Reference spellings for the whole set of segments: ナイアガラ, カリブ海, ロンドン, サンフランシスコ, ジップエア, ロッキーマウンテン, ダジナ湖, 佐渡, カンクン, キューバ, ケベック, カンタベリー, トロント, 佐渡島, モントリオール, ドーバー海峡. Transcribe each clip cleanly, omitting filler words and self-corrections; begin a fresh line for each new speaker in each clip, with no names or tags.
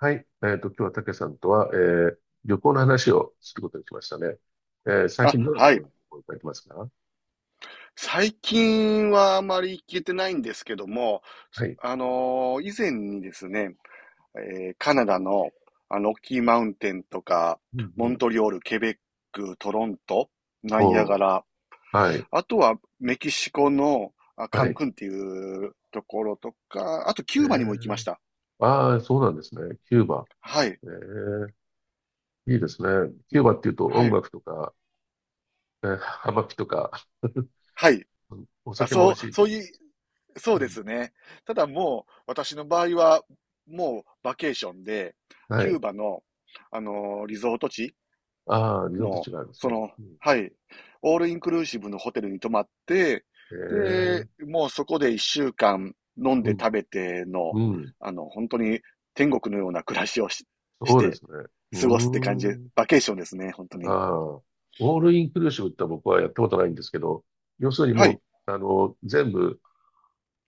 はい。今日はたけさんとは、旅行の話をすることにしましたね。最
あ、
近どんなと
は
こ
い。
ろに行かれてますか？
最近はあまり行けてないんですけども、
はい。
以前にですね、カナダのロッキーマウンテンとか、
うん
モン
うん。
トリオール、ケベック、トロント、ナイア
お
ガ
ー。
ラ、
はい。
あとはメキシコのカ
は
ン
い。
クンっていうところとか、あとキ
え
ューバにも行きまし
ー、
た。
ああ、そうなんですね。キューバ。
はい。
えー、いいですね。
う
キュー
ん、
バっていうと
は
音
い。
楽とか、えー、葉巻とか、
はい。
うん、お
あ、
酒も美味しいっ
そ
て。
ういう、そ
う
うで
ん、
すね。ただもう、私の場合は、もうバケーションで、
は
キュー
い。
バの、リゾート地
ああ、リゾート
の、
地があるんです
そ
ね。
の、
うん、
はい、オールインクルーシブのホテルに泊まって、
えー、
で、もうそこで一週間飲ん
う
で
ん、
食べての、
うん。
本当に天国のような暮らしをし
そうで
て
すね。うー
過ごすって感じで、
ん。
バケーションですね、本当
あ
に。
あ、オールインクルーシブって僕はやったことないんですけど、要するに
は
も
い、
う、全部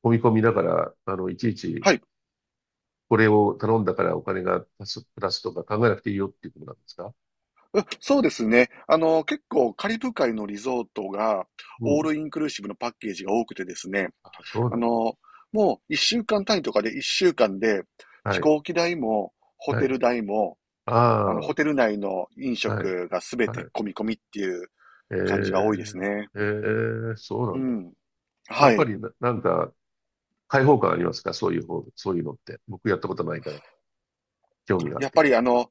込み込みだから、いちいち
はい。
これを頼んだからお金が足す、プラスとか考えなくていいよっていうことなんですか？
うん、そうですね。結構カリブ海のリゾートが
う
オー
ん。
ルインクルーシブのパッケージが多くてですね。
あ、そう
あ
なんだ。
の、もう一週間単位とかで一週間で飛
はい、
行機代もホ
は
テ
い。
ル代も
あ
あの
あ、
ホ
は
テル内の飲
い、
食がすべ
は
て
い。
込み込みっていう
え
感じが多いで
え、
すね。
ええ、そうな
う
んだ。
ん。
や
は
っぱ
い。
り、なんか、開放感ありますか、そういう方、そういうのって。僕やったことないから、興味があっ
やっ
て。
ぱりあの、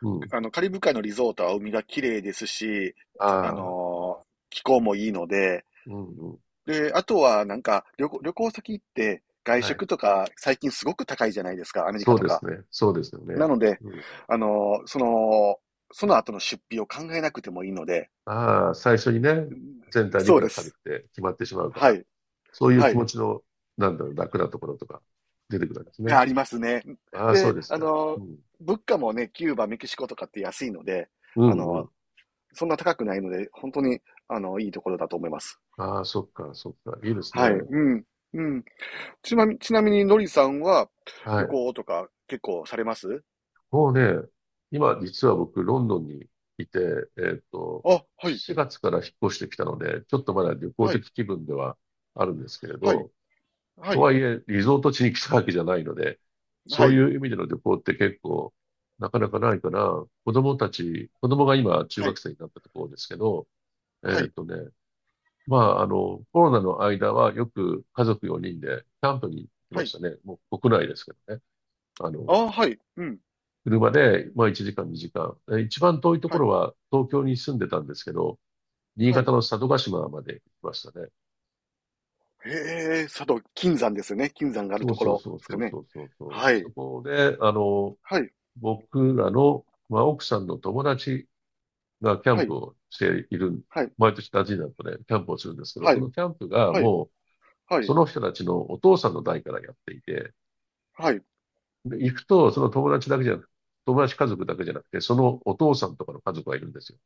うん。
あのカリブ海のリゾートは海が綺麗ですし、あ
ああ、
の、気候もいいので、
うん、うん。
で、あとはなんか旅行先行って外
はい。
食とか最近すごく高いじゃないですか、アメリカ
そう
と
です
か。
ね。そうですよね。
なので、
うん。
あの、その、その後の出費を考えなくてもいいので、
ああ、最初にね、全体にい
そ
く
う
ら
で
かかる
す。
って決まってしまうか
は
ら、
い。
そういう
は
気
い。
持ちの、なんだろう、楽なところとか出てくるわけです
が
ね。
ありますね。
ああ、そ
で、
うですか。うん。
物価もね、キューバ、メキシコとかって安いので、
う
あ
んう
の、
ん。
そんな高くないので、本当に、いいところだと思います。
ああ、そっか、そっか。いいです
はい。
ね。
うん。うん。ちなみに、のりさんは
は
旅
い。
行とか結構されます？
もうね、今、実は僕、ロンドンにいて、えっと、
あ、はい。
4月から引っ越してきたので、ちょっとまだ旅行
はい、
的気分ではあるんですけれ
はい、
ど、
は
と
い、
はいえ、リゾート地に来たわけじゃないので、そ
は
うい
い、
う意味での旅行って結構、なかなかないから、子供が今中
は
学
い、
生になったところですけど、え
は
ーっ
い、
とね、まあ、コロナの間はよく家族4人でキャンプに行き
は
まし
い。
たね。もう国内ですけどね。あ
あ
の、
あ、はい、うん、
車で、まあ1時間2時間。え、一番遠いとこ
はい、
ろは東京に住んでたんですけど、新
はい。
潟の佐渡島まで行きましたね。
へえ、佐渡、金山ですよね。金山がある
そう
とこ
そう
ろ
そう
です
そ
か
う
ね。
そうそうそう。
は
そ
い、
こで、
はい、
僕らの、まあ、奥さんの友達がキャン
は
プ
い、
をしている、
はい、
毎年ダジナ湖でキャンプをするんですけど、
は
そ
い、
のキャンプがもう、
は
そ
い、
の人たちのお父さんの代からやっていて、
はい、はい、
で行くと、友達家族だけじゃなくて、そのお父さんとかの家族がいるんですよ。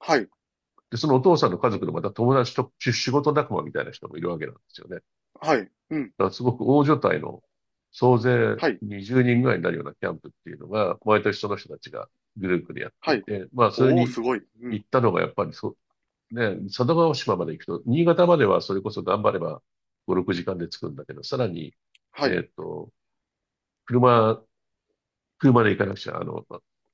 はい、
で、そのお父さんの家族のまた友達と仕事仲間みたいな人もいるわけなんですよね。
はい、うん、
だからすごく大所帯の総勢
はい、
20人ぐらいになるようなキャンプっていうのが、毎年その人たちがグループでやって
は
い
い。
て、まあ、それ
おお、
に
すごい。う
行
ん、
ったのがやっぱり佐渡島まで行くと、新潟まではそれこそ頑張れば5、6時間で着くんだけど、さらに、
はい、
えっと、車、車で行かなくちゃ、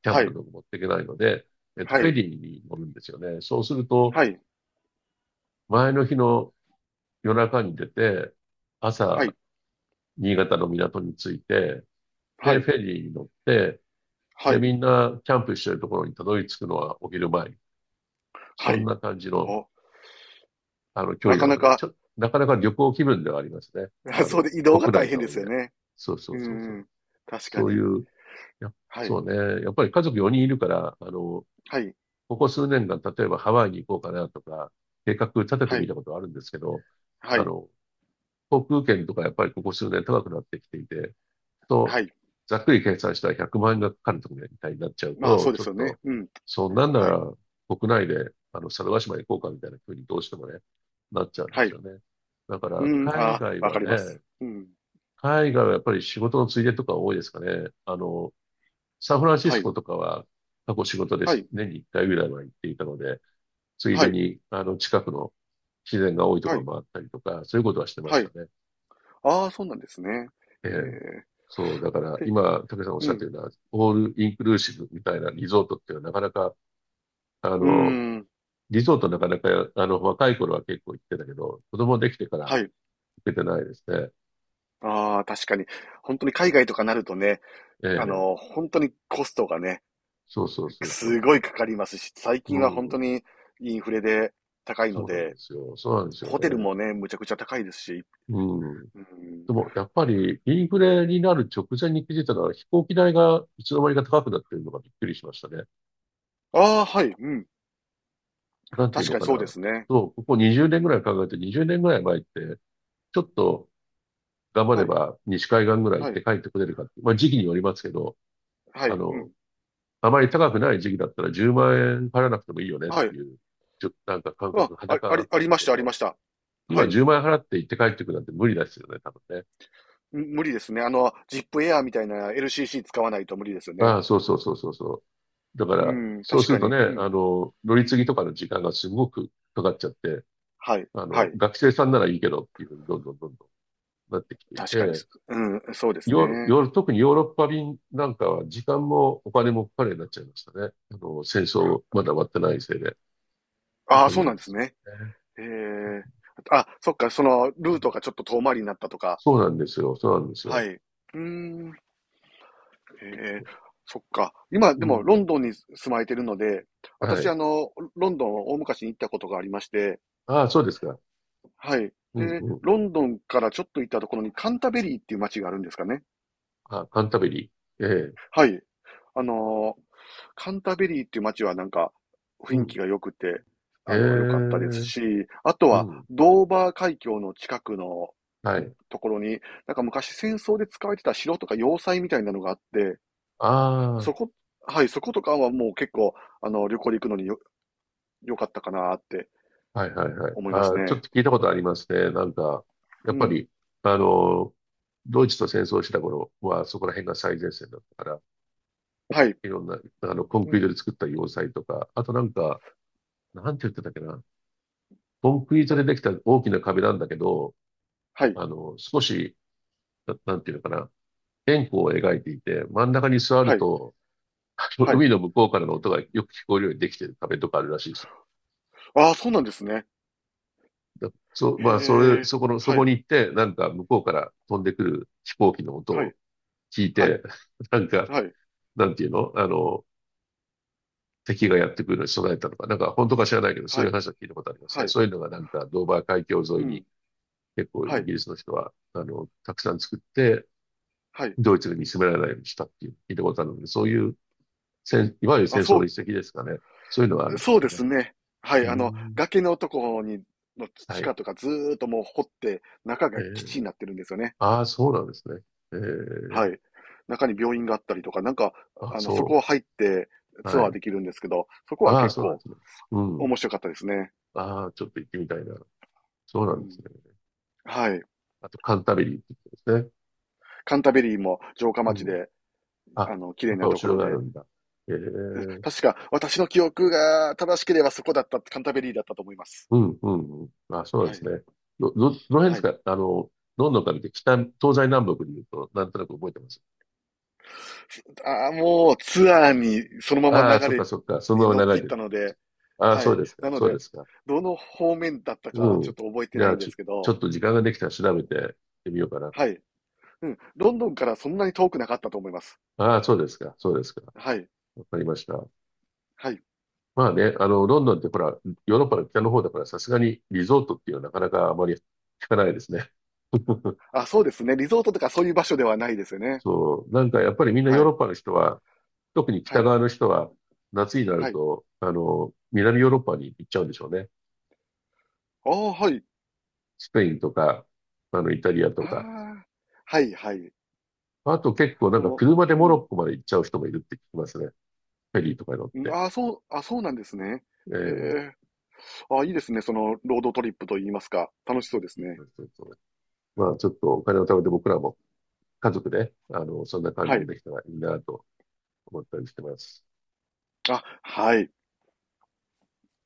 キャン
は
プの
い、
道具持っていけないので、
は
フェ
い、
リーに乗るんですよね。そうすると、
はい、
前の日の夜中に出て、
はい、
朝、新潟の港に着いて、
は
で、
い、
フェリーに乗って、
は
で、
い、
みんなキャンプしてるところにたどり着くのはお昼前。
は
そん
い。
な感じの、
お、
距
な
離
か
な
な
ので、
か、
なかなか旅行気分ではありますね。あ
そう
の、
で移動が
国
大
内
変
と
で
はい
す
え。
よね。
そうそ
う
う
ん、
そうそ
う
う。
ん、確か
そうい
に。
う、や、
は
そ
い、
うね。やっぱり家族4人いるから、
はい、
ここ数年間、例えばハワイに行こうかなとか、計画立てて
は
み
い、
たことはあるんですけど、
は
あ
い。
の、航空券とかやっぱりここ数年高くなってきていて、
は
と、
い。
ざっくり計算したら100万円がかかるとかみたいになっちゃう
まあ、そ
と、
うで
ちょ
す
っ
よね。
と、
うん。
そんなんな
は
ら
い。
国内で、猿ヶ島行こうかみたいな風にどうしてもね、なっちゃうんで
は
す
い。
よね。だか
う
ら、
ん、あ
海
あ、
外
わか
は
りま
ね、
す。うん。
海外はやっぱり仕事のついでとか多いですかね。サンフランシ
は
ス
い。
コとかは過去仕事で
は
す。
い。
年に1回ぐらいは行っていたので、つい
は
で
い。
に、近くの自然が多いと
は
ころ
い。
もあったりとか、そういうことはしてま
は
した
い。
ね。
ああ、そうなんですね。
え
ええ、
え。そう、だから
で、
今、武さんおっし
う
ゃって
ん。
るのは、オールインクルーシブみたいなリゾートっていうのはなかなか、あ
うー
の、
ん。
リゾートなかなか、あの、若い頃は結構行ってたけど、子供できてから行
はい。
けてないですね。
ああ、確かに。ほんとに海外とかなるとね、
ええ、
ほんとにコストがね、
そうそうそうそう
すごい
そ
かかりますし、最
う。
近はほん
う
と
ん、
にインフレで高い
そ
の
うなんで
で、
すよ。そうなんですよ
ホテル
ね。
もね、むちゃくちゃ高いですし。
うん。
うーん。
でも、やっぱり、インフレになる直前に気づいたのは、飛行機代がいつの間にか高くなってるのがびっくりしましたね。
ああ、はい、うん。
なんていう
確
の
かに
かな。
そうですね。
そう、ここ20年ぐらい考えて、20年ぐらい前って、ちょっと頑張
は
れ
い、
ば西海岸ぐらい行
は
っ
い、
て帰ってこれるかって、まあ時期によりますけど、
は
あ
い、う
の、
ん。
あまり高くない時期だったら10万円払わなくてもいいよねっ
は
て
い。
いう、ちょっとなんか感
あ、
覚、
あ
裸
あ
があ
り、
っ
あ
たん
り
だ
まし
け
た、あり
ど、
ました。は
今
い。
10万円払って行って帰ってくるなんて無理ですよね、多分ね。
無理ですね。ジップエアみたいな LCC 使わないと無理ですよね。
ああ、そうそうそうそうそう。だか
う
ら、
ん、
そう
確
す
か
ると
に。
ね、
うん。
乗り継ぎとかの時間がすごくかかっちゃって、
はい、はい。
学生さんならいいけどっていうふうにどんどんどんどんなってきてい
確かに
て、
す。うん、そうです
ヨーロ、ヨ
ね。
ーロ、特にヨーロッパ便なんかは時間もお金もかかるようになっちゃいましたね。戦争まだ終わってないせいで。だ
あ
と
あ、
思
そう
うん
なんで
で
す
す
ね。
よね。
へえ。あ、そっか、ル
う
ート
ん、
がちょっと遠回りになったとか。
そうなんですよ。そうなんです
は
よ。
い。うーん。へえ。そっか。今、
う
でも、
ん。
ロンドンに住まれてるので、
は
私、
い。
ロンドンを大昔に行ったことがありまして、
ああ、そうですか。
はい。
うん
で、
うん。
ロンドンからちょっと行ったところにカンタベリーっていう街があるんですかね。
あ、カンタベリー。ええ。
はい。あの、カンタベリーっていう街はなんか
う
雰囲
ん。
気が良くて、
ええ。
良かったです
う
し、あとは
ん。
ドーバー海峡の近くの
はい。
ところに、なんか昔戦争で使われてた城とか要塞みたいなのがあって、
あ
そこ、はい、そことかはもう結構、旅行で行くのに良かったかなって
あ、はいはいはい。
思いま
あ
す
あ、ちょっ
ね。
と聞いたことありますね。なんか、や
う
っぱ
ん。
り、あの、ドイツと戦争した頃は、そこら辺が最前線だったから、
はい。
いろんな、コン
う
クリート
ん。
で作った要塞とか、あとなんか、なんて言ってたっけな。コンクリートでできた大きな壁なんだけど、
はい。
あの、少し、な、なんていうのかな。円弧を描いていて、真ん中に座
は
る
い。
と、あの
はい。
海の向こうからの音がよく聞こえるようにできてる壁とかあるらしいです
ああ、そうなんですね。
よ。まあ、そ
へ
れ、
え、
そこの、そ
は
こ
い、
に行って、なんか向こうから飛んでくる飛行機の音
はい、
を聞い
はい、
て、なんか、
はい、
なんていうのあの、敵がやってくるのに備えたのか、なんか本当か知らないけど、そう
は
いう
い、
話は聞いたことあります
は
ね。
い、
そういうのがなんか、ドーバー海峡沿
う
いに
ん、
結構イ
はい、
ギリスの人は、たくさん作って、
はい。
ドイツに見つめられないようにしたっていう聞いたことあるので、そういういわゆる
あ、
戦争
そ
の
う、
一石ですかね。そういうのはあるんで
そ
す
う
か
で
ね。
すね。は
う
い、
ーん。
崖のところに、の
は
地
い。
下とかずーっともう掘って、中
え
が基
ー、
地になってるんですよね。
ああ、そうなんですね。え
は
ー、
い。中に病院があったりとか、なんか、
あ、
そこ
そ
を入って
う。は
ツアー
い。
できるんですけど、そこは
ああ、
結
そうなん
構
ですね。うん。
面白かったですね。
ああ、ちょっと行ってみたいな。そうな
う
んで
ん。
すね。
はい。
あと、カンタベリーってことですね。
カンタベリーも城下
う
町
ん。
で、
あ、
綺
や
麗
っぱ
な
りお
とこ
城
ろ
があ
で、
るんだ。えー、
確か、私の記憶が正しければそこだった、カンタベリーだったと思います。
うん、うん、うん。あ、そうで
は
す
い。
ね。どの辺で
は
す
い。
か、ロンドンから見て、北、東西南北で言うと、なんとなく覚えてます？
ああ、もうツアーにそのまま
ああ、
流
そっ
れ
かそっか。その
に
ま
乗っ
ま流
て
れ
いっ
てるっ
た
て
の
感じ。
で、
ああ、
は
そう
い。
ですか。
なの
そうで
で、
すか。
どの方面だったか
う
はちょっ
ん。
と覚えて
じ
な
ゃあ、
いんで
ちょ、
すけ
ちょ
ど、
っと時間ができたら調べて行ってみようかな。
はい。うん。ロンドンからそんなに遠くなかったと思います。
ああ、そうですか。そうですか。
はい。
わかりました。
はい。
まあね、ロンドンってほら、ヨーロッパの北の方だから、さすがにリゾートっていうのはなかなかあまり聞かないですね。
あ、そうですね。リゾートとかそういう場所ではないですよね。
そう。なんかやっぱりみんな
は
ヨーロ
い。
ッパの人は、特に
は
北
い。
側の人は夏になる
はい。
と、南ヨーロッパに行っちゃうんでしょうね。
ああ、はい。
スペインとか、イタリアと
あ
か。
あ、はい、はい。
あと結構なん
そ
か
の、
車で
う
モロ
ん。
ッコまで行っちゃう人もいるって聞きますね。フェリーとかに乗っ
ん、
て。
あ、そうなんですね。へ
え
え。あ、いいですね、そのロードトリップといいますか、楽しそうです
え、
ね。
そうそうそう。まあちょっとお金を貯めて僕らも家族で、そんな感じ
は
で
い。
できたらいいなと思ったりしてます。
あ、はい。